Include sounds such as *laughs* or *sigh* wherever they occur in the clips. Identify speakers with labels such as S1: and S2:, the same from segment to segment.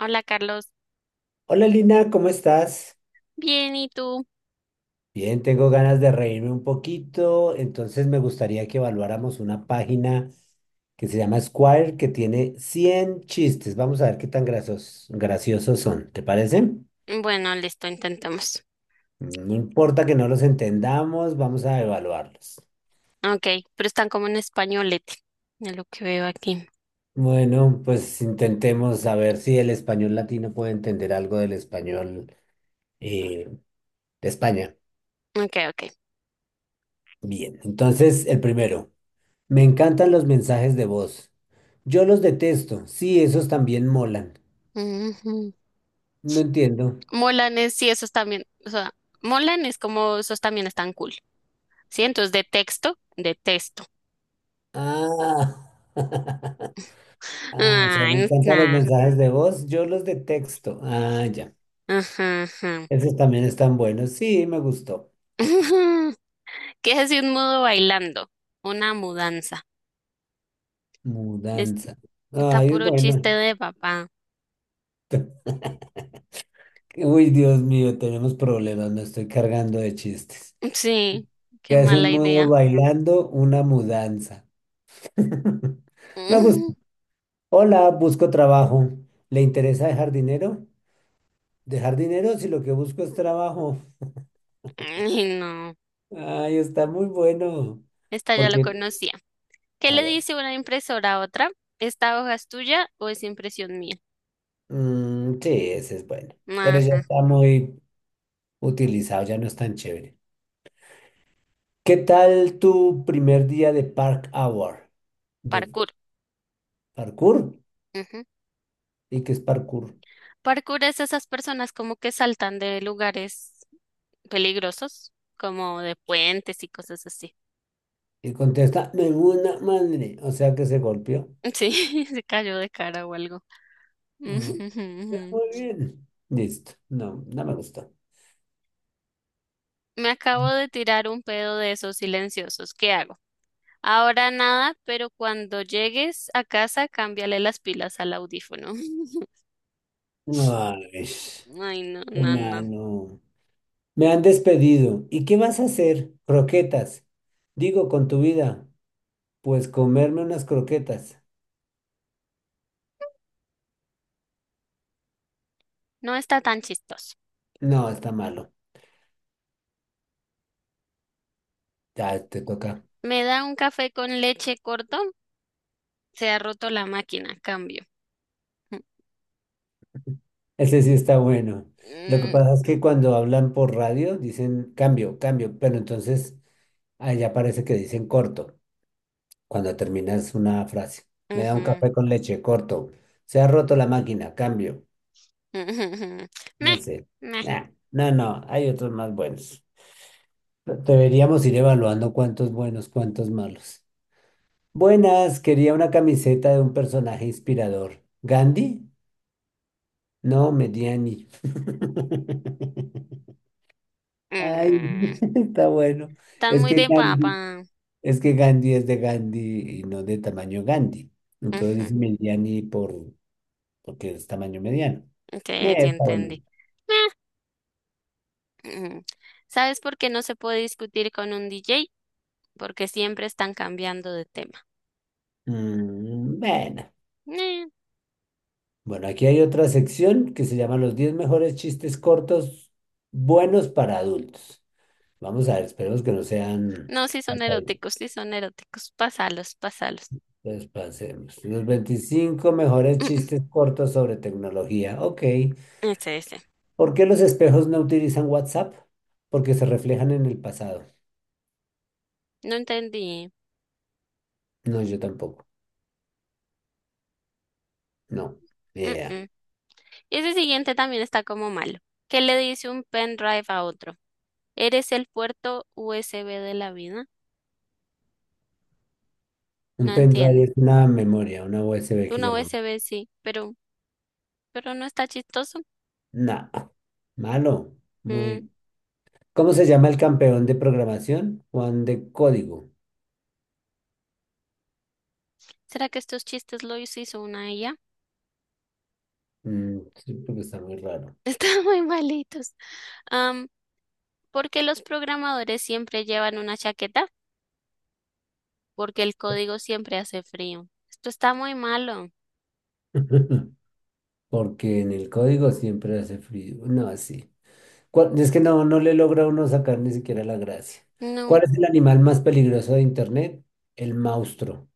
S1: Hola, Carlos.
S2: Hola Lina, ¿cómo estás?
S1: Bien, ¿y tú?
S2: Bien, tengo ganas de reírme un poquito, entonces me gustaría que evaluáramos una página que se llama Squire que tiene 100 chistes. Vamos a ver qué tan graciosos son, ¿te parece?
S1: Bueno, listo, intentamos.
S2: No importa que no los entendamos, vamos a evaluarlos.
S1: Ok, pero están como en españolete, de lo que veo aquí.
S2: Bueno, pues intentemos saber si el español latino puede entender algo del español eh, de España.
S1: Ok, ok.
S2: Bien, entonces el primero. Me encantan los mensajes de voz. Yo los detesto. Sí, esos también molan.
S1: Ujú.
S2: No entiendo.
S1: Molanes, sí, esos también, o sea, molanes como esos también están cool. Sí, entonces de texto, de texto.
S2: Ah. *laughs*
S1: *laughs*
S2: Ah, o sea, me
S1: Ay,
S2: encantan los
S1: nah.
S2: mensajes de voz. Yo los detesto. Ah, ya.
S1: Ajá, ajá.
S2: Esos también están buenos. Sí, me gustó.
S1: *laughs* Ujú. ¿Qué es así? ¿Un mudo bailando? Una mudanza. Es-
S2: Mudanza.
S1: Está
S2: Ay, es
S1: puro
S2: bueno.
S1: chiste de papá.
S2: *laughs* Uy, Dios mío, tenemos problemas. Me estoy cargando de chistes.
S1: Sí, qué
S2: ¿Qué hace
S1: mala
S2: un mudo
S1: idea.
S2: bailando? Una mudanza. *laughs*
S1: *laughs*
S2: Me gusta.
S1: Ujú.
S2: Hola, busco trabajo. ¿Le interesa dejar dinero? Dejar dinero si lo que busco es trabajo.
S1: Ay, no.
S2: Ay, está muy bueno.
S1: Esta ya lo
S2: Porque,
S1: conocía. ¿Qué
S2: a
S1: le
S2: ver,
S1: dice una impresora a otra? ¿Esta hoja es tuya o es impresión mía?
S2: mm, sí, ese es bueno. Pero ya
S1: Ajá, ajá.
S2: está muy utilizado, ya no es tan chévere. ¿Qué tal tu primer día de Park Hour? ¿De
S1: Parkour.
S2: parkour?
S1: Ujú.
S2: ¿Y qué es parkour?
S1: Parkour es esas personas como que saltan de lugares peligrosos, como de puentes y cosas así.
S2: Y contesta, me una madre. O sea que se golpeó.
S1: Sí, *laughs* se cayó de cara o algo. *laughs*
S2: Mm,
S1: Ujú, ujú,
S2: está
S1: ujú.
S2: muy bien. Listo. No, no me gustó.
S1: Me acabo de tirar un pedo de esos silenciosos. ¿Qué hago? Ahora nada, pero cuando llegues a casa, cámbiale las pilas al audífono. *laughs*
S2: Ay,
S1: Ay, no, no, no.
S2: hermano. Me han despedido. ¿Y qué vas a hacer? Croquetas. Digo, con tu vida. Pues comerme unas croquetas.
S1: No está tan chistoso.
S2: No, está malo. Ya te toca.
S1: Me da un café con leche corto. Se ha roto la máquina. Cambio.
S2: *laughs* Ese sí está bueno. Lo que
S1: Mm,
S2: pasa es que cuando hablan por radio dicen cambio, cambio, pero entonces allá parece que dicen corto cuando terminas una frase. Me da
S1: ujú,
S2: un
S1: ujú.
S2: café con leche, corto. Se ha roto la máquina, cambio.
S1: *laughs*
S2: No
S1: Meh,
S2: sé.
S1: meh,
S2: Nah, no, no, hay otros más buenos. Deberíamos ir evaluando cuántos buenos, cuántos malos. Buenas, quería una camiseta de un personaje inspirador. ¿Gandhi? No, Mediani. *laughs* Ay,
S1: mm.
S2: *laughs* está bueno.
S1: Están
S2: Es
S1: muy
S2: que
S1: de
S2: Gandhi,
S1: papá.
S2: es que Gandhi es de Gandhi y no de tamaño Gandhi. Entonces
S1: Ujú,
S2: dice Mediani por, porque es tamaño mediano.
S1: sí, sí
S2: Está bueno.
S1: entendí. Meh, ujú. ¿Sabes por qué no se puede discutir con un DJ? Porque siempre están cambiando de tema.
S2: Mm, bueno.
S1: Eh,
S2: Bueno, aquí hay otra sección que se llama Los 10 mejores chistes cortos buenos para adultos. Vamos a ver, esperemos que no sean...
S1: No, sí son eróticos, sí son eróticos. Pásalos, pásalos.
S2: Pues pasemos. Los 25 mejores chistes
S1: *laughs*
S2: cortos sobre tecnología. Ok.
S1: Mm, mm. Ese, ese.
S2: ¿Por qué los espejos no utilizan WhatsApp? Porque se reflejan en el pasado.
S1: No entendí.
S2: No, yo tampoco. No. Ni
S1: Mm,
S2: idea.
S1: mm. Ese siguiente también está como malo. ¿Qué le dice un pendrive a otro? ¿Eres el puerto USB de la vida?
S2: Un
S1: No
S2: pendrive
S1: entiendo.
S2: es una memoria, una USB que
S1: Una
S2: llamamos.
S1: USB sí, pero no está chistoso.
S2: Nah. Malo.
S1: Mm,
S2: Muy. ¿Cómo se llama el campeón de programación? Juan de código.
S1: ¿Será que estos chistes los hizo una ella?
S2: Mm, sí, porque está muy raro.
S1: *laughs* Están muy malitos. Am, ¿Por qué los programadores siempre llevan una chaqueta? Porque el código siempre hace frío. Esto está muy malo.
S2: *laughs* Porque en el código siempre hace frío. No, así. Es que no, no le logra uno sacar ni siquiera la gracia.
S1: No,
S2: ¿Cuál es el animal más peligroso de Internet? El monstruo.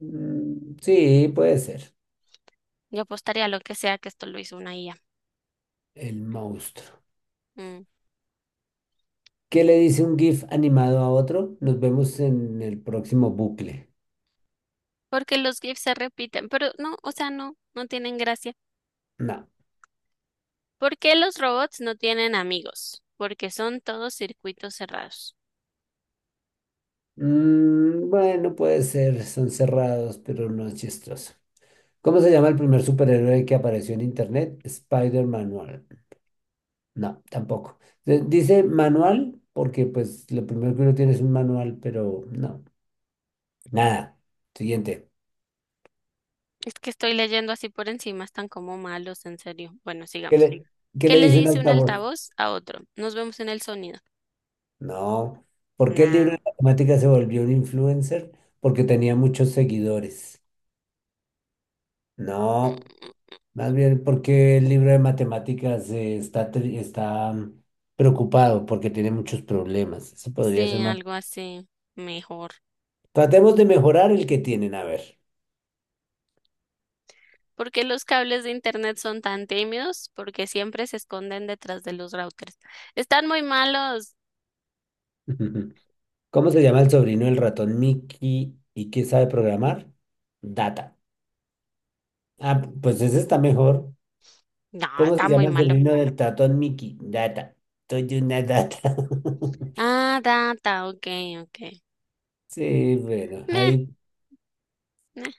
S2: Mm, sí, puede ser.
S1: yo apostaría a lo que sea que esto lo hizo una IA.
S2: El monstruo.
S1: Mm,
S2: ¿Qué le dice un GIF animado a otro? Nos vemos en el próximo bucle.
S1: Porque los GIFs se repiten, pero no, o sea, no, no tienen gracia.
S2: No.
S1: ¿Por qué los robots no tienen amigos? Porque son todos circuitos cerrados.
S2: Mm, bueno, puede ser. Son cerrados, pero no es chistoso. ¿Cómo se llama el primer superhéroe que apareció en Internet? Spider-Manual. No, tampoco. Dice manual porque pues lo primero que uno tiene es un manual, pero no. Nada. Siguiente.
S1: Es que estoy leyendo así por encima, están como malos, en serio. Bueno,
S2: ¿Qué
S1: sigamos.
S2: le, qué
S1: ¿Qué
S2: le
S1: le
S2: dice un
S1: dice un
S2: altavoz?
S1: altavoz a otro? Nos vemos en el sonido.
S2: No. ¿Por qué el libro
S1: Nah.
S2: de matemáticas se volvió un influencer? Porque tenía muchos seguidores. No.
S1: Mm,
S2: Más bien porque el libro de matemáticas está preocupado porque tiene muchos problemas. Eso podría ser
S1: Sí,
S2: más.
S1: algo así. Mejor.
S2: Tratemos de mejorar el que tienen, a ver.
S1: ¿Por qué los cables de internet son tan tímidos? Porque siempre se esconden detrás de los routers. Están muy malos.
S2: *laughs* ¿Cómo se llama el sobrino del ratón Mickey y qué sabe programar? Data. Ah, pues ese está mejor.
S1: No,
S2: ¿Cómo se
S1: está muy
S2: llama el
S1: malo.
S2: sobrino del tatón Mickey? Data. Soy una data. *laughs*
S1: Ah, data, ok, ok.
S2: Sí, bueno,
S1: Nah,
S2: ahí.
S1: nah,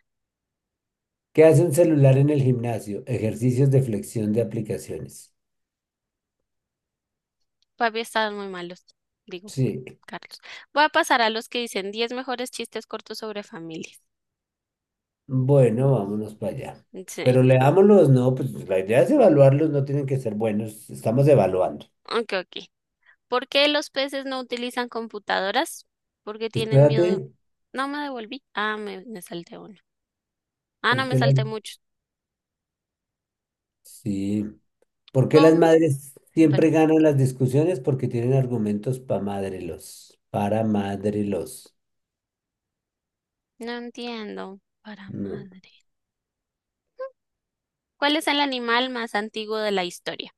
S2: ¿Qué hace un celular en el gimnasio? Ejercicios de flexión de aplicaciones.
S1: todavía están muy malos. Digo,
S2: Sí.
S1: Carlos, voy a pasar a los que dicen 10 mejores chistes cortos sobre familias.
S2: Bueno, vámonos para allá.
S1: Sí,
S2: Pero leámoslos, no, pues la idea es evaluarlos, no tienen que ser buenos. Estamos evaluando.
S1: ok, ok. ¿Por qué los peces no utilizan computadoras? Porque tienen miedo.
S2: Espérate,
S1: No me devolví. Ah, me salté uno. Ah, no,
S2: ¿por
S1: me
S2: qué la-
S1: salté muchos.
S2: Sí. ¿Por qué las
S1: Com-
S2: madres siempre
S1: Perdón.
S2: ganan las discusiones? Porque tienen argumentos para madrelos. Para madrelos.
S1: No entiendo. Para
S2: No.
S1: madre. ¿Cuál es el animal más antiguo de la historia?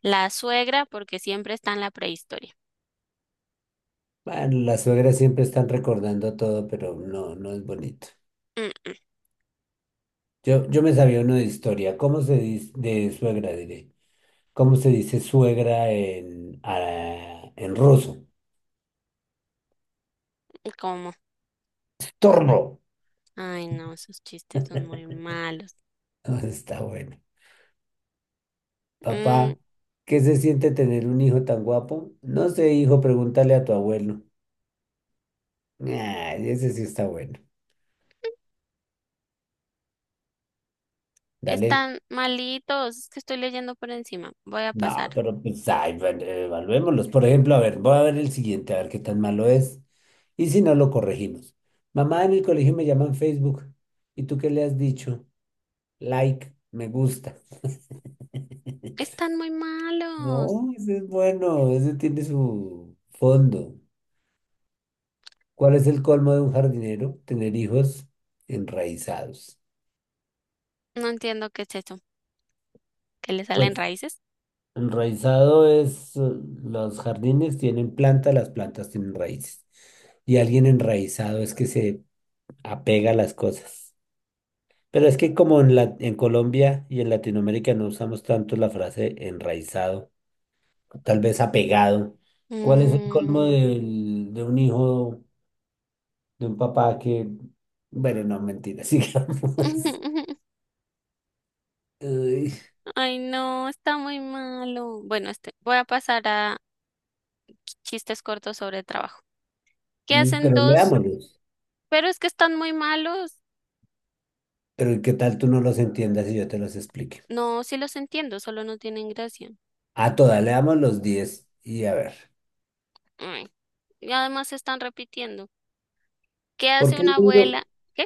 S1: La suegra, porque siempre está en la prehistoria.
S2: Bueno, las suegras siempre están recordando todo, pero no, no es bonito.
S1: Mm, mm.
S2: Yo me sabía uno de historia. ¿Cómo se dice, de suegra diré? ¿Cómo se dice suegra en, ah, en ruso?
S1: ¿Cómo?
S2: Torno.
S1: Ay, no, esos chistes son muy malos.
S2: *laughs* Está bueno.
S1: Mm.
S2: Papá, ¿qué se siente tener un hijo tan guapo? No sé, hijo, pregúntale a tu abuelo. Ah, ese sí está bueno. Dale.
S1: Están malitos, es que estoy leyendo por encima. Voy a
S2: No,
S1: pasar.
S2: pero pues, ay, bueno, evaluémoslos. Por ejemplo, a ver, voy a ver el siguiente, a ver qué tan malo es. Y si no, lo corregimos. Mamá, en el colegio me llaman Facebook. ¿Y tú qué le has dicho? Like, me gusta. *laughs*
S1: Están muy malos.
S2: No, ese es bueno, ese tiene su fondo. ¿Cuál es el colmo de un jardinero? Tener hijos enraizados.
S1: No entiendo qué es eso. ¿Que le salen
S2: Pues
S1: raíces?
S2: enraizado es, los jardines tienen plantas, las plantas tienen raíces. Y alguien enraizado es que se apega a las cosas. Pero es que como en en Colombia y en Latinoamérica no usamos tanto la frase enraizado, tal vez apegado. ¿Cuál es el colmo
S1: Mm.
S2: de un papá que, bueno, no, mentira, *laughs* sigamos.
S1: *laughs*
S2: Uy,
S1: Ay, no, está muy malo. Bueno, este, voy a pasar a chistes cortos sobre trabajo. ¿Qué hacen
S2: pero
S1: dos?
S2: leámoslos.
S1: Pero es que están muy malos.
S2: Pero ¿qué tal tú no los entiendas y yo te los explique?
S1: No, sí los entiendo, solo no tienen gracia.
S2: A todas, leamos los 10 y a ver.
S1: Ay, y además se están repitiendo. ¿Qué
S2: ¿Por
S1: hace
S2: qué el
S1: una
S2: libro,
S1: abuela? ¿Qué?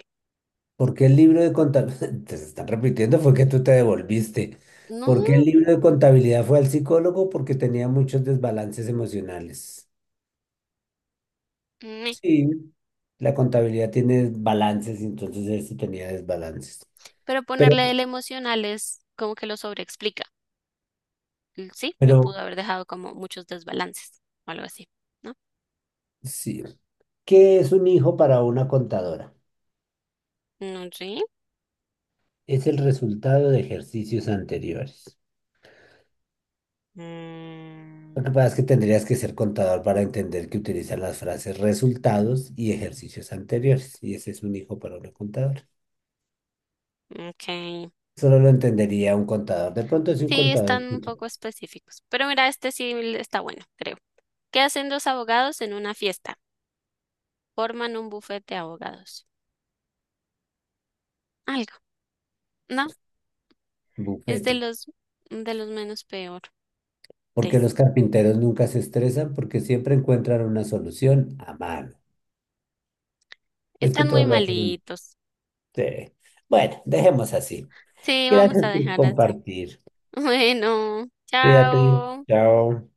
S2: ¿Por qué el libro de contabilidad? *laughs* Te están repitiendo, fue que tú te devolviste. ¿Por qué el
S1: No.
S2: libro de contabilidad fue al psicólogo? Porque tenía muchos desbalances emocionales. Sí, la contabilidad tiene balances, y entonces él sí tenía desbalances.
S1: Pero
S2: Pero,
S1: ponerle el emocional es como que lo sobreexplica. Y sí, lo
S2: pero
S1: pudo haber dejado como muchos desbalances o algo así, ¿no?
S2: sí. ¿Qué es un hijo para una contadora?
S1: No, sí,
S2: Es el resultado de ejercicios anteriores. Lo que pasa es que tendrías que ser contador para entender que utiliza las frases resultados y ejercicios anteriores. Y ese es un hijo para una contadora.
S1: ok.
S2: Solo lo entendería un contador. De pronto si un
S1: Sí,
S2: contador
S1: están un
S2: escucha
S1: poco específicos. Pero mira, este sí está bueno, creo. ¿Qué hacen dos abogados en una fiesta? Forman un bufete de abogados. Algo, ¿no? Es
S2: bufete,
S1: de los menos peores.
S2: porque los carpinteros nunca se estresan porque siempre encuentran una solución a mano. Es que
S1: Están muy
S2: todos lo hacen.
S1: malitos.
S2: Sí. Bueno, dejemos así.
S1: Sí, vamos
S2: Gracias
S1: a
S2: por
S1: dejar así.
S2: compartir.
S1: *laughs* Bueno,
S2: Cuídate.
S1: chao.
S2: Chao.